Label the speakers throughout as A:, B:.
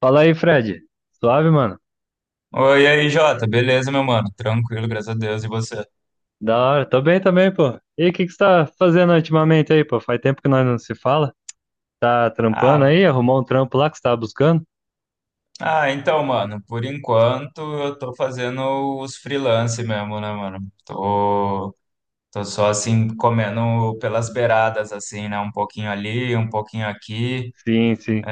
A: Fala aí, Fred. Suave, mano?
B: Oi, e aí, Jota, beleza, meu mano? Tranquilo, graças a Deus, e você?
A: Da hora. Tô bem também, pô. E o que que você tá fazendo ultimamente aí, pô? Faz tempo que nós não se fala. Tá trampando
B: Ah,
A: aí? Arrumou um trampo lá que você tava buscando?
B: então, mano, por enquanto eu tô fazendo os freelance mesmo, né, mano? Tô, tô só assim, comendo pelas beiradas, assim, né? Um pouquinho ali, um pouquinho aqui.
A: Sim, sim,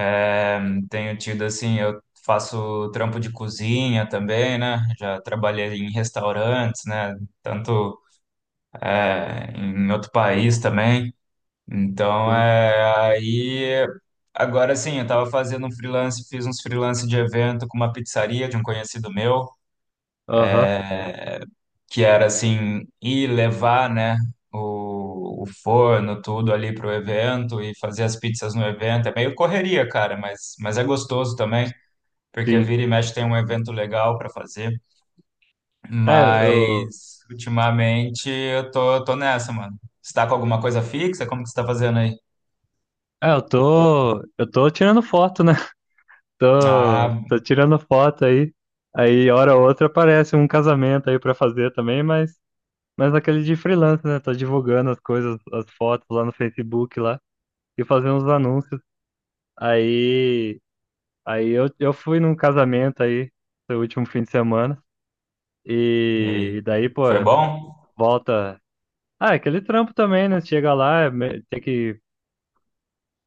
B: Tenho tido, assim, eu faço trampo de cozinha também, né? Já trabalhei em restaurantes, né? Tanto, em outro país também. Então,
A: sim.
B: é, aí, agora sim, eu tava fazendo um freelance, fiz uns freelance de evento com uma pizzaria de um conhecido meu,
A: Aham,
B: que era assim, ir levar, né, o forno, tudo ali pro evento e fazer as pizzas no evento. É meio correria, cara, mas é gostoso também, porque
A: sim.
B: vira e mexe tem um evento legal para fazer.
A: É, eu...
B: Mas, ultimamente, eu tô, tô nessa, mano. Você tá com alguma coisa fixa? Como que você tá fazendo aí?
A: Eu tô tirando foto, né?
B: Ah,
A: Tô tirando foto aí. Aí, hora ou outra, aparece um casamento aí pra fazer também, mas... Mas aquele de freelancer, né? Tô divulgando as coisas, as fotos lá no Facebook lá. E fazendo uns anúncios. Aí... Aí eu fui num casamento aí, no último fim de semana,
B: e aí?
A: e daí, pô,
B: Foi bom?
A: volta. Ah, é aquele trampo também, né? Chega lá, tem que,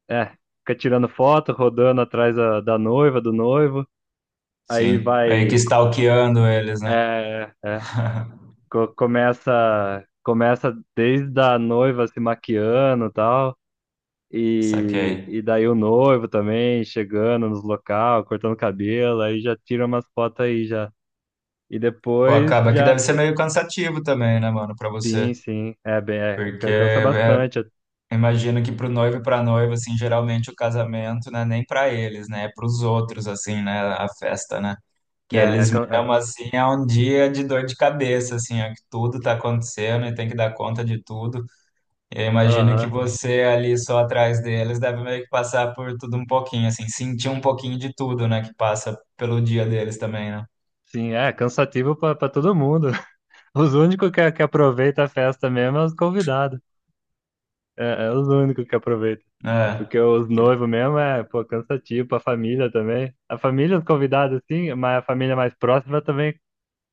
A: é, fica tirando foto, rodando atrás da noiva, do noivo. Aí
B: Sim, meio que
A: vai,
B: stalkeando eles, né?
A: é, é, começa, começa desde a noiva se maquiando e tal, e,
B: Saquei.
A: e daí o noivo também chegando nos local, cortando cabelo, aí já tira umas fotos aí já. E
B: Pô,
A: depois
B: acaba que
A: já
B: deve ser meio cansativo também, né, mano, pra você.
A: sim, sim. É bem, é,
B: Porque
A: cansa
B: é,
A: bastante.
B: imagino que pro noivo e pra noiva, assim, geralmente o casamento não é nem pra eles, né? É pros outros, assim, né? A festa, né? Que
A: É, é,
B: eles
A: can- é,
B: mesmo, assim, é um dia de dor de cabeça, assim, é que tudo tá acontecendo e tem que dar conta de tudo. Eu imagino que
A: aham.
B: você ali só atrás deles deve meio que passar por tudo um pouquinho, assim, sentir um pouquinho de tudo, né, que passa pelo dia deles também, né?
A: Sim, é cansativo pra pra todo mundo. Os únicos que aproveitam a festa mesmo é os convidados. É, é os únicos que aproveitam.
B: É,
A: Porque os noivos mesmo é, pô, cansativo pra família também. A família, os convidados, sim, mas a família mais próxima também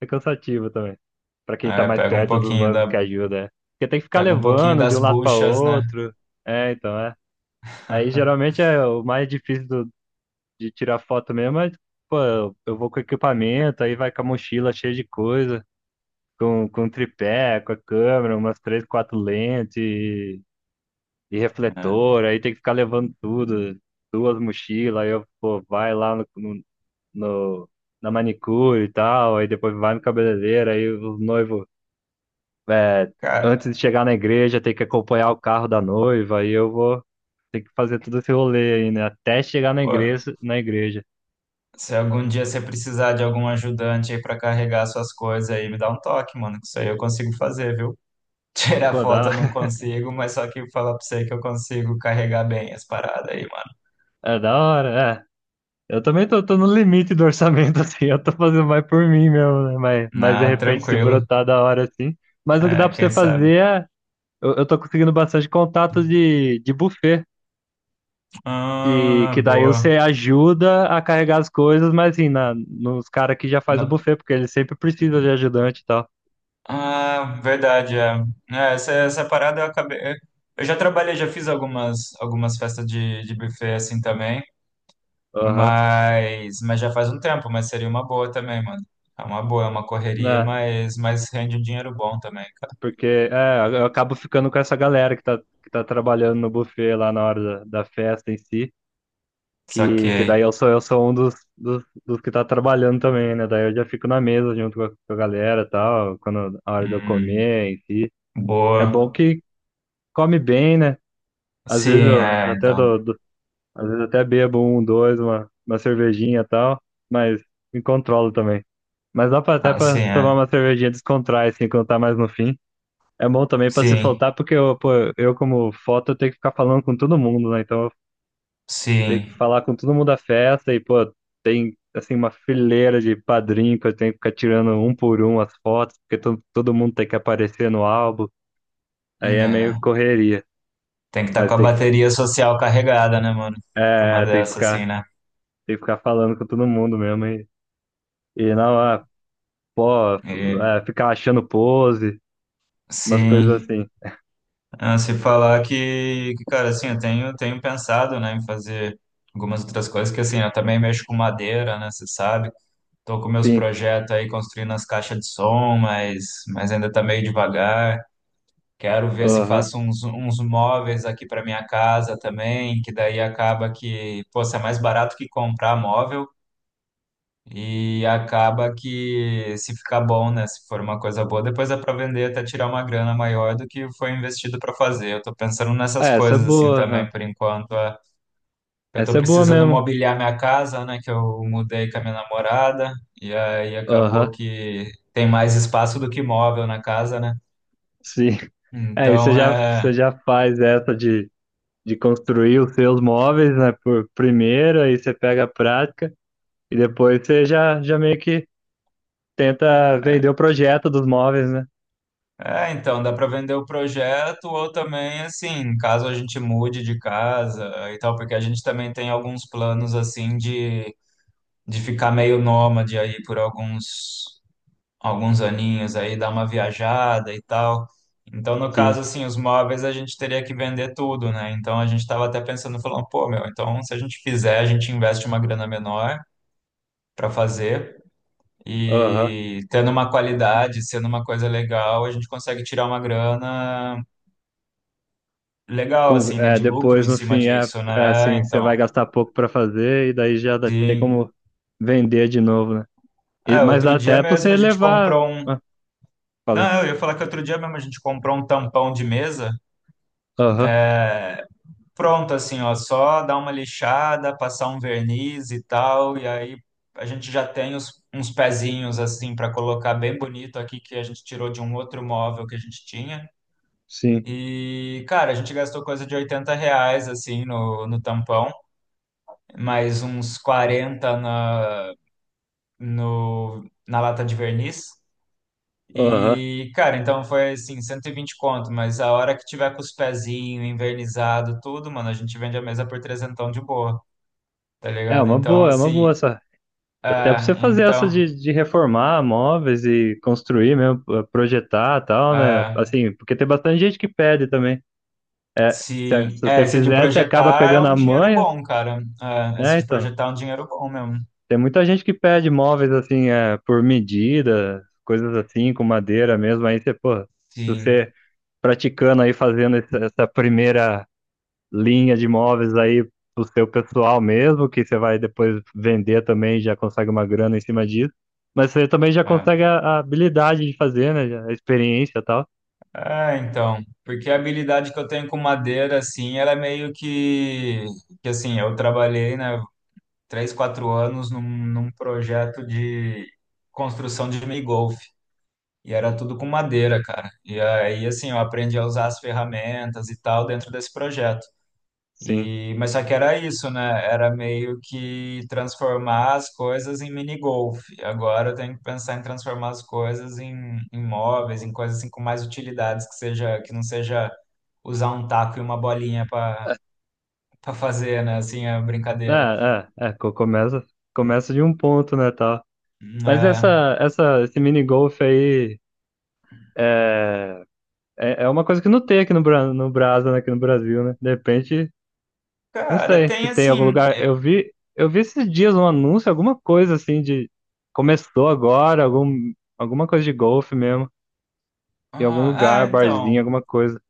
A: é cansativa também. Pra quem tá
B: é,
A: mais perto dos noivos que ajuda, é. Porque tem que ficar
B: pega um pouquinho
A: levando de
B: das
A: um lado pra
B: buchas, né?
A: outro. É, então, é. Aí geralmente é o mais difícil de tirar foto mesmo, mas, pô, eu vou com equipamento, aí vai com a mochila cheia de coisa, com um tripé, com a câmera, umas três, quatro lentes e
B: É.
A: refletor, aí tem que ficar levando tudo, duas mochilas, aí eu, pô, vai lá no, no, no- na manicure e tal, aí depois vai no cabeleireiro, aí o noivo, é, antes
B: Cara,
A: de chegar na igreja, tem que acompanhar o carro da noiva, aí eu vou ter que fazer todo esse rolê aí, né, até chegar na
B: pô,
A: igreja, na igreja.
B: se algum dia você precisar de algum ajudante aí pra carregar suas coisas aí, me dá um toque, mano, que isso aí eu consigo fazer, viu? Tirar
A: Pô,
B: foto
A: dá,
B: eu não consigo, mas só que falar pra você que eu consigo carregar bem as paradas aí, mano.
A: é da hora, é. Eu também tô, tô no limite do orçamento, assim, eu tô fazendo mais por mim mesmo, né? Mas de
B: Na,
A: repente se
B: tranquilo.
A: brotar da hora, assim. Mas o que dá
B: É,
A: pra você
B: quem sabe.
A: fazer é. Eu tô conseguindo bastante contato de buffet,
B: Ah,
A: que daí
B: boa.
A: você ajuda a carregar as coisas, mas assim, na, nos caras que já faz o
B: Na-
A: buffet, porque eles sempre precisam de ajudante e tal.
B: Ah, verdade, é. É, essa parada eu acabei. Eu já trabalhei, já fiz algumas festas de buffet assim também,
A: Aham,
B: mas já faz um tempo, mas seria uma boa também, mano. É uma boa, é uma correria,
A: né?
B: mas rende um dinheiro bom também.
A: Porque é, eu acabo ficando com essa galera que tá trabalhando no buffet lá na hora da, da festa em si. Que daí
B: Saquei.
A: eu sou um dos que tá trabalhando também, né? Daí eu já fico na mesa junto com a galera e tal, quando a hora de eu
B: Hum,
A: comer em si. É bom
B: boa.
A: que come bem, né? Às vezes
B: Sim,
A: eu
B: é,
A: até
B: então.
A: dou, dou- Às vezes até bebo um, dois, uma cervejinha e tal, mas me controlo também. Mas dá pra, até
B: Ah, sim,
A: pra tomar
B: é.
A: uma cervejinha, descontrar, assim, quando tá mais no fim. É bom também pra se
B: Sim,
A: soltar, porque eu, pô, eu como foto, eu tenho que ficar falando com todo mundo, né? Então ter que
B: sim.
A: falar com todo mundo da festa e, pô, tem, assim, uma fileira de padrinho que eu tenho que ficar tirando um por um as fotos, todo mundo tem que aparecer no álbum. Aí é meio
B: É.
A: correria,
B: Tem que estar
A: mas
B: com a bateria social carregada, né, mano? Pra uma
A: é, tem que
B: dessa, assim,
A: ficar, tem que ficar falando com todo mundo mesmo e não, é, pô,
B: né?
A: é, ficar achando pose, umas coisas
B: Sim.
A: assim.
B: Ah, se falar que, cara, assim, eu tenho pensado, né, em fazer algumas outras coisas, que assim, eu também mexo com madeira, né, você sabe, tô com meus
A: Sim,
B: projetos aí construindo as caixas de som, mas ainda tá meio devagar, quero ver se
A: aham.
B: faço uns, uns móveis aqui para minha casa também, que daí acaba que, pô, se é mais barato que comprar móvel, e acaba que se ficar bom, né? Se for uma coisa boa, depois dá para vender até tirar uma grana maior do que foi investido para fazer. Eu tô pensando nessas
A: É, essa é
B: coisas assim
A: boa,
B: também
A: aham.
B: por enquanto. É. Eu tô
A: Essa é boa
B: precisando
A: mesmo.
B: mobiliar minha casa, né? Que eu mudei com a minha namorada e aí acabou
A: Aham,
B: que tem mais espaço do que móvel na casa, né?
A: sim. Aí
B: Então é,
A: você já faz essa de construir os seus móveis, né, por primeira, aí você pega a prática e depois você já, já meio que tenta vender o projeto dos móveis, né?
B: é, então dá para vender o projeto ou também assim, caso a gente mude de casa e tal, porque a gente também tem alguns planos assim de ficar meio nômade aí por alguns aninhos aí, dar uma viajada e tal. Então, no caso,
A: Sim.
B: assim, os móveis a gente teria que vender tudo, né? Então, a gente estava até pensando, falando, pô, meu, então se a gente fizer, a gente investe uma grana menor para fazer
A: Aham.
B: e tendo uma qualidade, sendo uma coisa legal, a gente consegue tirar uma grana legal, assim, né?
A: É,
B: De lucro
A: depois,
B: em
A: no
B: cima
A: fim, é,
B: disso,
A: é
B: né? É.
A: assim, você
B: Então,
A: vai gastar pouco para fazer tem
B: sim.
A: como vender de novo, né?
B: É,
A: Mas
B: outro
A: dá
B: dia
A: até para
B: mesmo a
A: você
B: gente
A: levar.
B: comprou um.
A: Ah, falei.
B: Não, eu ia falar que outro dia mesmo a gente comprou um tampão de mesa,
A: Aham,
B: é, pronto assim, ó, só dar uma lixada, passar um verniz e tal, e aí a gente já tem uns pezinhos assim para colocar bem bonito aqui que a gente tirou de um outro móvel que a gente tinha.
A: sim.
B: E, cara, a gente gastou coisa de R$ 80 assim no tampão, mais uns 40 na, no, na lata de verniz.
A: Aham.
B: E, cara, então foi assim, 120 conto, mas a hora que tiver com os pezinhos, invernizado, tudo, mano, a gente vende a mesa por trezentão de boa, tá ligado? Então,
A: É uma
B: assim,
A: boa essa. Até pra você
B: ah,
A: fazer essa
B: então,
A: de reformar móveis e construir mesmo, projetar e tal, né?
B: ah,
A: Assim, porque tem bastante gente que pede também. É, se
B: sim, é,
A: você
B: esse de
A: fizer, você acaba
B: projetar é
A: pegando
B: um
A: a
B: dinheiro
A: manha,
B: bom, cara. Ah, esse
A: né?
B: de
A: Então,
B: projetar é um dinheiro bom mesmo,
A: tem muita gente que pede móveis assim, é, por medida, coisas assim, com madeira mesmo. Aí você, pô, se
B: sim.
A: você praticando aí, fazendo essa, essa primeira linha de imóveis aí pro seu pessoal mesmo, que você vai depois vender também, já consegue uma grana em cima disso. Mas você também já consegue
B: É.
A: a habilidade de fazer, né? A experiência e tal.
B: Ah, então, porque a habilidade que eu tenho com madeira, assim, ela é meio que assim, eu trabalhei, né? 3, 4 anos num projeto de construção de mini-golf. E era tudo com madeira, cara. E aí, assim, eu aprendi a usar as ferramentas e tal dentro desse projeto.
A: Sim.
B: E, mas só que era isso, né? Era meio que transformar as coisas em mini-golf. E agora eu tenho que pensar em transformar as coisas em móveis, em coisas assim com mais utilidades, que seja, que não seja usar um taco e uma bolinha para para fazer, né? Assim, a
A: É,
B: brincadeira.
A: começa, começa de um ponto, né, tal. Mas
B: Ah,
A: essa, esse mini golf aí é, é, é uma coisa que não tem aqui no, no Brasa, né, aqui no Brasil, né? De repente não
B: cara,
A: sei se
B: tem
A: tem
B: assim.
A: algum lugar. Eu vi esses dias um anúncio, alguma coisa assim de começou agora, algum, alguma coisa de golfe mesmo, em algum
B: Ah,
A: lugar,
B: ah,
A: barzinho,
B: então.
A: alguma coisa.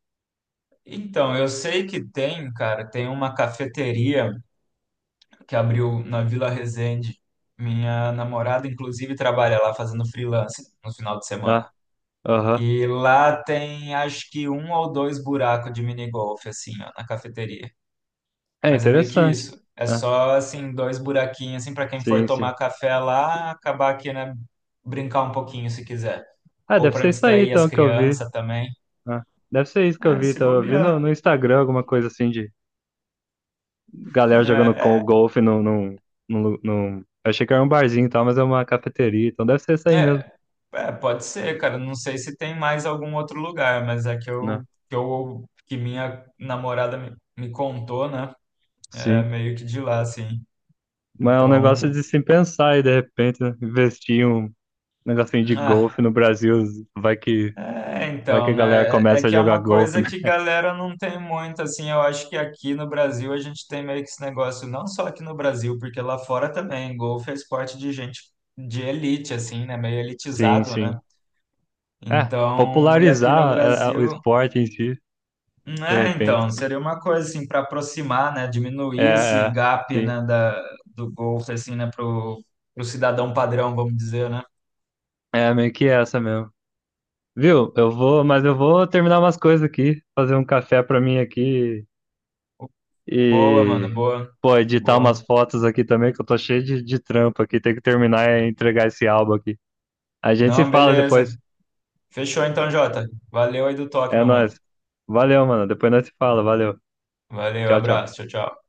B: Então, eu sei que tem, cara, tem uma cafeteria que abriu na Vila Resende. Minha namorada, inclusive, trabalha lá fazendo freelance no final de semana.
A: Ah, aham.
B: E lá tem acho que um ou dois buracos de minigolf, assim, ó, na cafeteria.
A: É
B: Mas é meio que
A: interessante.
B: isso. É
A: Ah,
B: só, assim, dois buraquinhos, assim, para quem for
A: sim,
B: tomar
A: sim.
B: café lá, acabar aqui, né, brincar um pouquinho se quiser.
A: Ah,
B: Ou
A: deve
B: para
A: ser isso aí
B: distrair as
A: então que eu vi.
B: crianças também.
A: Ah, deve ser isso que eu
B: É,
A: vi.
B: se
A: Então, eu vi no,
B: bobear.
A: no Instagram alguma coisa assim de galera jogando
B: Né? É.
A: golfe eu achei que era um barzinho e tal, mas é uma cafeteria, então deve ser isso aí mesmo,
B: É, É, pode ser, cara. Não sei se tem mais algum outro lugar, mas é que
A: né?
B: que minha namorada me contou, né? É
A: Sim.
B: meio que de lá, assim.
A: Mas é um negócio
B: Então,
A: de se pensar e de repente né, investir em um negocinho de
B: ah,
A: golfe no Brasil. Vai que,
B: é,
A: vai que
B: então,
A: a galera
B: né? É, é
A: começa a
B: que é
A: jogar
B: uma
A: golfe.
B: coisa que galera não tem muito, assim. Eu acho que aqui no Brasil a gente tem meio que esse negócio, não só aqui no Brasil, porque lá fora também. Golfe é esporte de gente de elite, assim, né? Meio
A: Sim,
B: elitizado, né?
A: sim. É,
B: Então, e aqui no
A: popularizar é, é, o
B: Brasil.
A: esporte em si, de
B: É,
A: repente.
B: então, seria uma coisa assim para aproximar, né,
A: É,
B: diminuir esse
A: é,
B: gap,
A: sim.
B: né, do Golf assim, né, pro cidadão padrão, vamos dizer, né?
A: É meio que essa mesmo. Viu? Eu vou terminar umas coisas aqui, fazer um café pra mim aqui
B: Boa, mano,
A: e,
B: boa.
A: pô, editar umas
B: Boa.
A: fotos aqui também, que eu tô cheio de trampo aqui. Tem que terminar e entregar esse álbum aqui. A gente se
B: Não,
A: fala
B: beleza.
A: depois.
B: Fechou então, Jota. Valeu aí do toque,
A: É
B: meu mano.
A: nóis. Valeu, mano. Depois nós se fala. Valeu.
B: Valeu,
A: Tchau, tchau.
B: abraço. Tchau, tchau.